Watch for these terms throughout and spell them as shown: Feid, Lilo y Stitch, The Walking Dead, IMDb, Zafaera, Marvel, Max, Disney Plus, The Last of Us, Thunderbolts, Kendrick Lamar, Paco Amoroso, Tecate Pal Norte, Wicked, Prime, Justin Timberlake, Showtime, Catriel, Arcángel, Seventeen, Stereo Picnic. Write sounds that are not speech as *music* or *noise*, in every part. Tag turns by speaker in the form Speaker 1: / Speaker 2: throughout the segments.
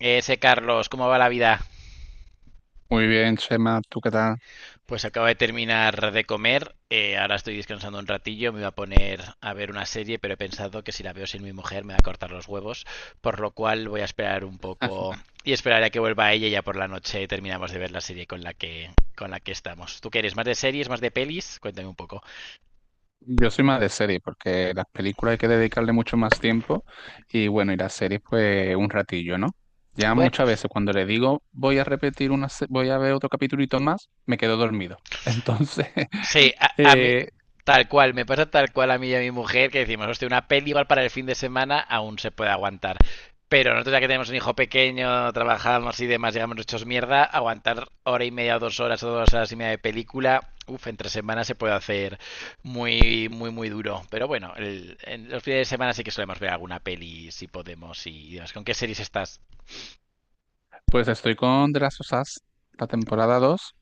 Speaker 1: Ese Carlos, ¿cómo va la vida?
Speaker 2: Muy bien, Chema, ¿tú qué tal?
Speaker 1: Pues acabo de terminar de comer, ahora estoy descansando un ratillo, me voy a poner a ver una serie, pero he pensado que si la veo sin mi mujer me va a cortar los huevos, por lo cual voy a esperar un poco y esperaré a que vuelva ella y ya por la noche terminamos de ver la serie con la que estamos. ¿Tú qué eres? ¿Más de series, más de pelis? Cuéntame un poco.
Speaker 2: Yo soy más de serie porque las películas hay que dedicarle mucho más tiempo y bueno, y las series pues un ratillo, ¿no? Ya
Speaker 1: Bueno,
Speaker 2: muchas veces cuando le digo voy a repetir una, voy a ver otro capitulito más, me quedo dormido. *laughs* Entonces,
Speaker 1: sí,
Speaker 2: *laughs*
Speaker 1: a mí,
Speaker 2: eh,
Speaker 1: tal cual, me pasa tal cual a mí y a mi mujer que decimos, hostia, una peli igual para el fin de semana aún se puede aguantar. Pero nosotros ya que tenemos un hijo pequeño, trabajamos y demás, llegamos hechos mierda, aguantar hora y media o 2 horas o 2 horas y media de película, uff, entre semanas se puede hacer muy, muy, muy duro. Pero bueno, en los fines de semana sí que solemos ver alguna peli si podemos y demás. ¿Con qué series estás?
Speaker 2: pues estoy con The Last of Us, la temporada 2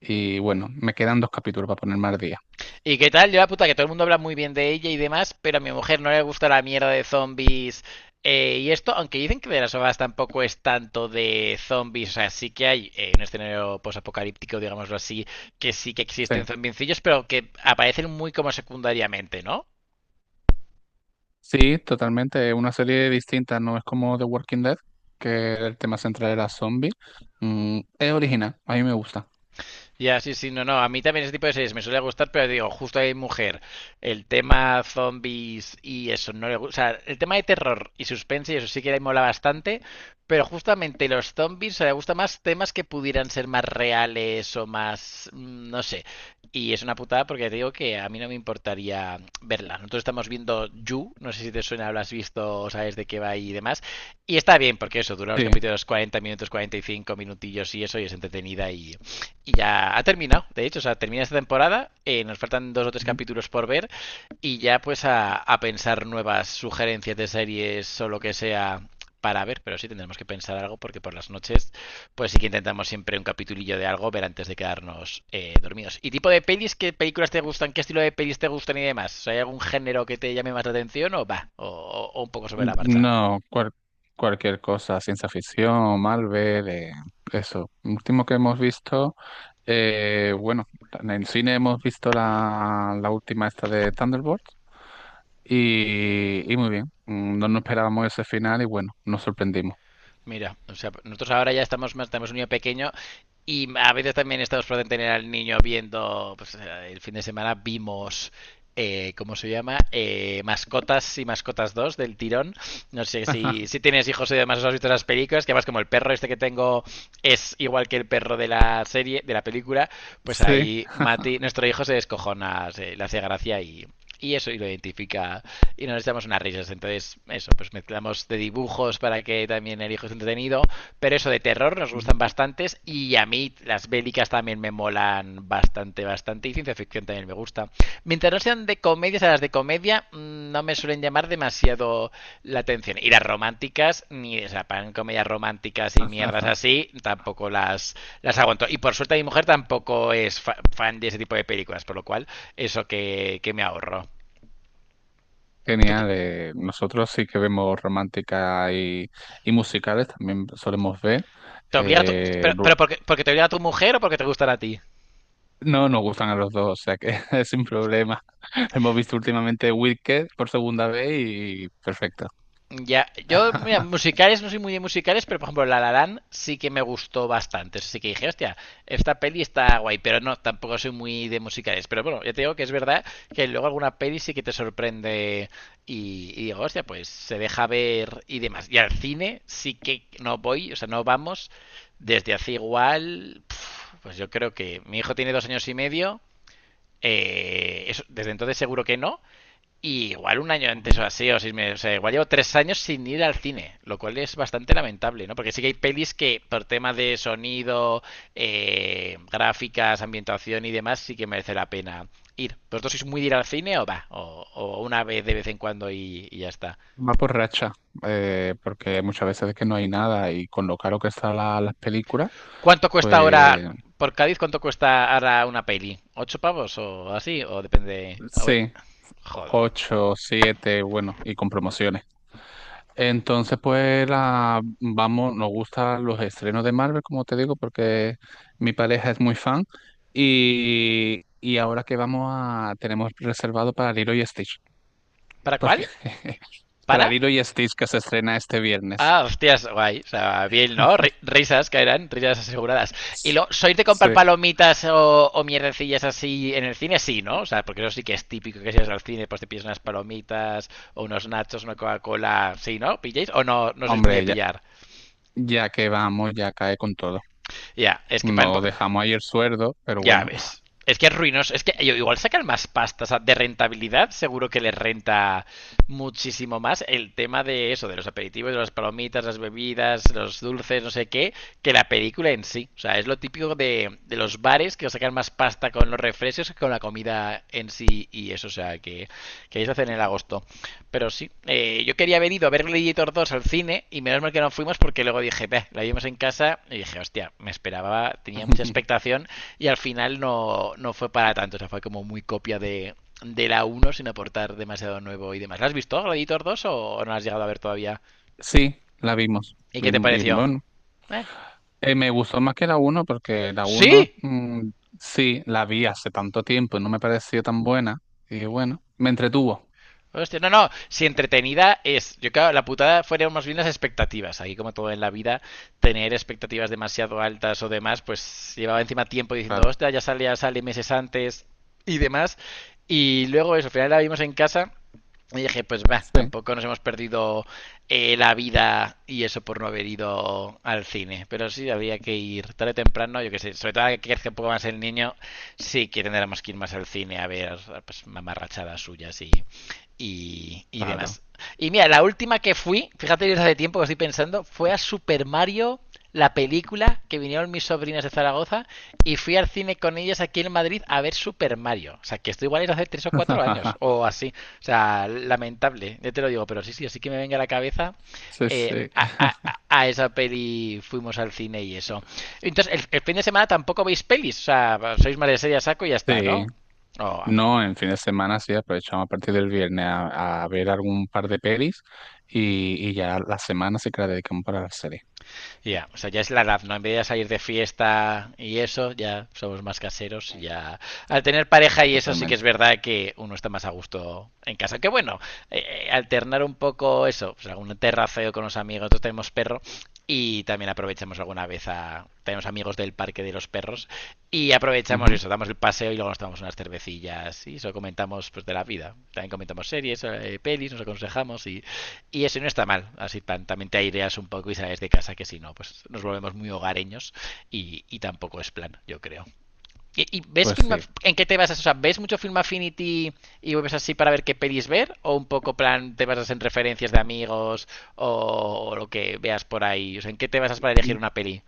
Speaker 2: y bueno, me quedan dos capítulos para ponerme al día.
Speaker 1: ¿Y qué tal? Yo la puta que todo el mundo habla muy bien de ella y demás, pero a mi mujer no le gusta la mierda de zombies y esto, aunque dicen que de las obras tampoco es tanto de zombies, o sea, sí que hay un escenario posapocalíptico, digámoslo así, que sí que
Speaker 2: Sí.
Speaker 1: existen zombiencillos, pero que aparecen muy como secundariamente, ¿no?
Speaker 2: Sí, totalmente. Es una serie distinta, no es como The Walking Dead, que el tema central era zombie. Es original, a mí me gusta.
Speaker 1: Ya, sí, sí, no, no. A mí también ese tipo de series me suele gustar, pero digo, justo hay mujer. El tema zombies y eso no le gusta. O sea, el tema de terror y suspense y eso sí que le mola bastante, pero justamente los zombies, o sea, le gusta más temas que pudieran ser más reales o más, no sé. Y es una putada porque te digo que a mí no me importaría verla. Nosotros estamos viendo You, no sé si te suena, lo visto, o sabes de qué va y demás. Y está bien, porque eso, dura los
Speaker 2: Sí.
Speaker 1: capítulos 40 minutos, 45 minutillos y eso, y es entretenida y ya ha terminado, de hecho, o sea, termina esta temporada, nos faltan dos o tres
Speaker 2: Ujú.
Speaker 1: capítulos por ver y ya pues a pensar nuevas sugerencias de series o lo que sea para ver, pero sí tendremos que pensar algo porque por las noches, pues sí que intentamos siempre un capitulillo de algo ver antes de quedarnos dormidos. ¿Y tipo de pelis? ¿Qué películas te gustan? ¿Qué estilo de pelis te gustan y demás? ¿Hay algún género que te llame más la atención o va? O un poco sobre la marcha.
Speaker 2: No, cualquier cosa, ciencia ficción, Marvel, eso. Último que hemos visto. Bueno, en el cine hemos visto la última esta de Thunderbolts y, muy bien. No nos esperábamos ese final y bueno, nos sorprendimos.
Speaker 1: Mira, o sea, nosotros ahora ya estamos más, tenemos un niño pequeño y a veces también estamos por tener al niño viendo, pues el fin de semana vimos, ¿cómo se llama? Mascotas y Mascotas 2 del tirón. No sé si
Speaker 2: *laughs*
Speaker 1: tienes hijos y demás, os has visto esas películas, que además como el perro este que tengo es igual que el perro de la serie, de la película, pues
Speaker 2: Sí.
Speaker 1: ahí Mati, nuestro hijo se descojona, le hace gracia y eso y lo identifica y nos echamos unas risas. Entonces, eso, pues mezclamos de dibujos para que también el hijo esté entretenido, pero eso de terror nos
Speaker 2: Ujú.
Speaker 1: gustan bastantes y a mí las bélicas también me molan bastante, bastante y ciencia ficción también me gusta. Mientras no sean de comedias, a las de comedia no me suelen llamar demasiado la atención. Y las románticas, ni o sea, pan comedias románticas y mierdas así, tampoco las aguanto. Y por suerte mi mujer tampoco es fan de ese tipo de películas, por lo cual eso que me ahorro. ¿Tú te,
Speaker 2: Genial. Nosotros sí que vemos romántica y, musicales, también solemos ver.
Speaker 1: te obliga a tu-
Speaker 2: eh, lu-
Speaker 1: pero porque te obliga a tu mujer o porque te gustan a ti?
Speaker 2: no nos gustan a los dos, o sea que *laughs* sin problema. *laughs* Hemos visto últimamente Wicked por segunda vez y perfecto.
Speaker 1: Ya, yo, mira,
Speaker 2: *laughs*
Speaker 1: musicales, no soy muy de musicales, pero por ejemplo, La La Land sí que me gustó bastante. Así que dije, hostia, esta peli está guay, pero no, tampoco soy muy de musicales. Pero bueno, ya te digo que es verdad que luego alguna peli sí que te sorprende y digo, hostia, pues se deja ver y demás. Y al cine sí que no voy, o sea, no vamos desde hace igual, pf, pues yo creo que mi hijo tiene 2 años y medio. Eso, desde entonces seguro que no, y igual un año antes o así, o 6 meses, o sea, igual llevo 3 años sin ir al cine, lo cual es bastante lamentable, ¿no? Porque sí que hay pelis que por tema de sonido, gráficas, ambientación y demás, sí que merece la pena ir. ¿Vosotros sois muy de ir al cine o va? O una vez de vez en cuando y ya está.
Speaker 2: Va por racha, porque muchas veces es que no hay nada y con lo caro que están las películas,
Speaker 1: ¿Cuánto cuesta
Speaker 2: pues
Speaker 1: ahora, por Cádiz, cuánto cuesta ahora una peli? ¿8 pavos o así? O depende... Uy,
Speaker 2: sí,
Speaker 1: jodo.
Speaker 2: 8, 7, bueno, y con promociones. Entonces, pues vamos, nos gustan los estrenos de Marvel, como te digo, porque mi pareja es muy fan y, ahora que tenemos reservado para Lilo y Stitch,
Speaker 1: ¿Para cuál?
Speaker 2: porque *laughs*
Speaker 1: ¿Para?
Speaker 2: para Lilo y Stitch que se estrena este viernes.
Speaker 1: Ah, hostias, guay. O sea, bien, ¿no? Risas caerán, risas aseguradas. Y lo, ¿sois de
Speaker 2: Sí,
Speaker 1: comprar palomitas o mierdecillas así en el cine? Sí, ¿no? O sea, porque eso sí que es típico que si vas al cine, pues te pides unas palomitas o unos nachos, una Coca-Cola. Sí, ¿no? ¿Pilláis? ¿O no, no sois muy de
Speaker 2: hombre, ya.
Speaker 1: pillar?
Speaker 2: Ya que vamos, ya cae con todo.
Speaker 1: Ya, es que pan,
Speaker 2: No dejamos ahí el sueldo, pero
Speaker 1: ya
Speaker 2: bueno.
Speaker 1: ves. Es que es ruinoso. Es que igual sacan más pasta, o sea, de rentabilidad. Seguro que les renta muchísimo más el tema de eso, de los aperitivos, de las palomitas, las bebidas, los dulces, no sé qué, que la película en sí. O sea, es lo típico de los bares que sacan más pasta con los refrescos que con la comida en sí y eso. O sea, que ellos lo hacen en agosto. Pero sí, yo quería haber ido a ver Gladiator 2 al cine y menos mal que no fuimos porque luego dije, "Beh, la vimos en casa y dije, hostia, me esperaba, tenía mucha
Speaker 2: *laughs*
Speaker 1: expectación y al final no, no fue para tanto, o sea, fue como muy copia de la uno sin aportar demasiado nuevo y demás. ¿La has visto, Gladiator 2 o no la has llegado a ver todavía?
Speaker 2: Sí, la vimos.
Speaker 1: ¿Y qué te
Speaker 2: Vimos y
Speaker 1: pareció?
Speaker 2: bueno,
Speaker 1: ¿Eh?
Speaker 2: me gustó más que la uno porque la uno
Speaker 1: ¡Sí!
Speaker 2: sí, la vi hace tanto tiempo y no me pareció tan buena. Y bueno, me entretuvo,
Speaker 1: Hostia, no, no, si entretenida es. Yo creo que la putada fueron más bien las expectativas. Aquí, como todo en la vida, tener expectativas demasiado altas o demás, pues llevaba encima tiempo diciendo,
Speaker 2: claro.
Speaker 1: hostia, ya sale meses antes y demás. Y luego eso, al final la vimos en casa y dije, pues va,
Speaker 2: Sí,
Speaker 1: tampoco nos hemos perdido la vida y eso por no haber ido al cine. Pero sí, había que ir tarde o temprano, yo que sé. Sobre todo ahora que crezca un poco más el niño, sí que tendremos que ir más al cine a ver pues, mamarrachadas suyas y
Speaker 2: claro.
Speaker 1: demás. Y mira, la última que fui, fíjate desde hace tiempo que estoy pensando, fue a Super Mario, la película, que vinieron mis sobrinas de Zaragoza, y fui al cine con ellas aquí en Madrid a ver Super Mario. O sea, que esto igual es hace 3 o 4 años,
Speaker 2: *laughs*
Speaker 1: o así. O sea, lamentable, ya te lo digo, pero sí, sí, así que me venga a la cabeza.
Speaker 2: Sí,
Speaker 1: eh,
Speaker 2: sí.
Speaker 1: a, a- a esa peli fuimos al cine y eso. Entonces, el fin de semana tampoco veis pelis, o sea, sois más de serie a saco y ya está,
Speaker 2: Sí.
Speaker 1: ¿no? Oh, ah, vale.
Speaker 2: No, en fin de semana sí aprovechamos a partir del viernes a ver algún par de pelis y, ya la semana sí que la dedicamos para la serie.
Speaker 1: Ya, o sea, ya es la edad, ¿no? En vez de salir de fiesta y eso, ya somos más caseros,
Speaker 2: Mm,
Speaker 1: ya... Al tener pareja y eso sí que es
Speaker 2: totalmente.
Speaker 1: verdad que uno está más a gusto en casa. Que bueno, alternar un poco eso, pues algún terraceo con los amigos, nosotros tenemos perro y también aprovechamos alguna vez a... Tenemos amigos del parque de los perros y aprovechamos
Speaker 2: Ujú,
Speaker 1: eso, damos el paseo y luego nos tomamos unas cervecillas y eso comentamos pues de la vida. También comentamos series, pelis, nos aconsejamos y eso no está mal, así tan, también te aireas un poco y sales de casa que si no, pues nos volvemos muy hogareños y tampoco es plan, yo creo. ¿Y ves
Speaker 2: pues sí.
Speaker 1: en qué te vas a, o sea, ves mucho Film Affinity y vuelves así para ver qué pedís ver? ¿O un poco plan te basas en referencias de amigos o lo que veas por ahí? O sea, ¿en qué te basas para elegir
Speaker 2: Mm,
Speaker 1: una peli?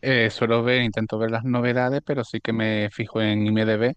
Speaker 2: Suelo ver, intento ver las novedades, pero sí que me fijo en IMDb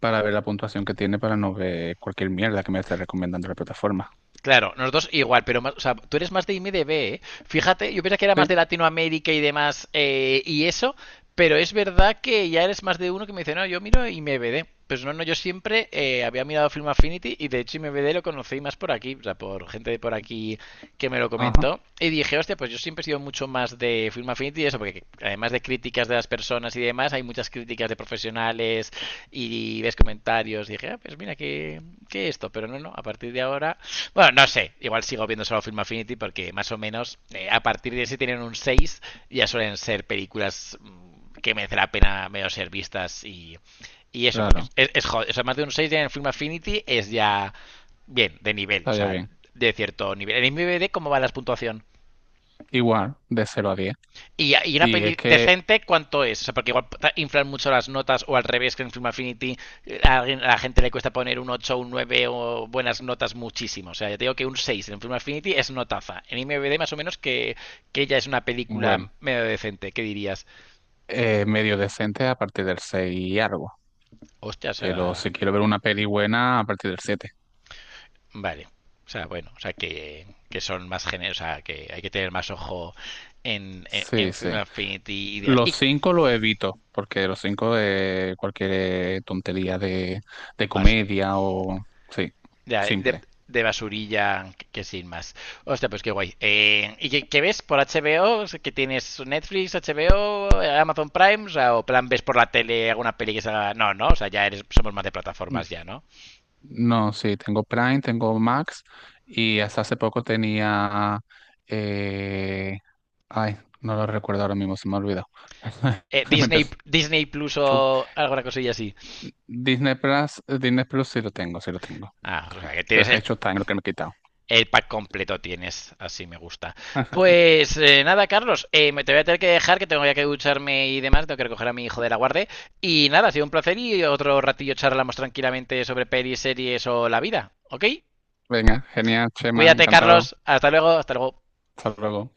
Speaker 2: para ver la puntuación que tiene para no ver cualquier mierda que me esté recomendando la plataforma.
Speaker 1: Claro, nosotros igual, pero más, o sea, tú eres más de IMDB, ¿eh? Fíjate, yo pensaba que era más
Speaker 2: Sí,
Speaker 1: de Latinoamérica y demás y eso, pero es verdad que ya eres más de uno que me dice, no, yo miro IMDB. Pues no, no, yo siempre había mirado Film Affinity y de hecho IMDB lo conocí más por aquí, o sea, por gente de por aquí que me lo
Speaker 2: ajá,
Speaker 1: comentó. Y dije, hostia, pues yo siempre he sido mucho más de Film Affinity y eso, porque además de críticas de las personas y demás, hay muchas muchas críticas de profesionales y ves comentarios. Y dije, ah, pues mira, que esto. Pero no, no, a partir de ahora. Bueno, no sé, igual sigo viendo solo Film Affinity porque más o menos a partir de ese tienen un 6 ya suelen ser películas que merece la pena medio ser vistas y eso, porque
Speaker 2: claro,
Speaker 1: es joder. O sea, más de un 6 ya en Film Affinity es ya bien, de nivel, o
Speaker 2: estaría
Speaker 1: sea,
Speaker 2: bien.
Speaker 1: de cierto nivel. En IMDb, ¿cómo va la puntuación?
Speaker 2: Igual, de 0 a 10.
Speaker 1: Una
Speaker 2: Y es
Speaker 1: peli
Speaker 2: que,
Speaker 1: decente, ¿cuánto es? O sea, porque igual inflan mucho las notas o al revés que en Film Affinity a la gente le cuesta poner un 8, un 9 o buenas notas muchísimo. O sea, ya te digo que un 6 en Film Affinity es notaza. En IMDb más o menos que ya es una película
Speaker 2: bueno,
Speaker 1: medio decente. ¿Qué dirías?
Speaker 2: medio decente a partir del 6 y algo.
Speaker 1: Hostia, o
Speaker 2: Pero
Speaker 1: sea,
Speaker 2: si quiero ver una peli buena, a partir del siete.
Speaker 1: vale. O sea, bueno, o sea, que son más generosos, o sea, que hay que tener más ojo en
Speaker 2: Sí, sí.
Speaker 1: Film Affinity y demás.
Speaker 2: Los
Speaker 1: Y
Speaker 2: 5 lo evito, porque los 5 de cualquier tontería de,
Speaker 1: vas.
Speaker 2: comedia o. Sí,
Speaker 1: Ya, de,
Speaker 2: simple.
Speaker 1: de basurilla que sin más. Hostia, pues qué guay. ¿Y qué ves por HBO? ¿Que tienes Netflix, HBO, Amazon Prime? O, sea, ¿o plan ves por la tele alguna peli que salga? No, no, o sea, ya eres, somos más de plataformas
Speaker 2: N-
Speaker 1: ya, ¿no?
Speaker 2: No, sí, tengo Prime, tengo Max y hasta hace poco tenía. eh, Ay, no lo recuerdo ahora mismo, se me olvidó. *laughs* Me
Speaker 1: Disney,
Speaker 2: empezó.
Speaker 1: Disney Plus o alguna cosilla así.
Speaker 2: Disney Plus, Disney Plus sí lo tengo, sí lo tengo.
Speaker 1: Ah, o sea, que
Speaker 2: Pero
Speaker 1: tienes
Speaker 2: es que
Speaker 1: el,
Speaker 2: hay Showtime, lo que me he quitado.
Speaker 1: El pack completo tienes, así me gusta.
Speaker 2: *laughs*
Speaker 1: Pues nada, Carlos, me te voy a tener que dejar, que tengo ya que ducharme y demás, tengo que recoger a mi hijo de la guardia. Y nada, ha sido un placer y otro ratillo charlamos tranquilamente sobre pelis, series o la vida, ¿ok?
Speaker 2: Venga, genial, Chema,
Speaker 1: Cuídate,
Speaker 2: encantado.
Speaker 1: Carlos, hasta luego, hasta luego.
Speaker 2: Hasta luego.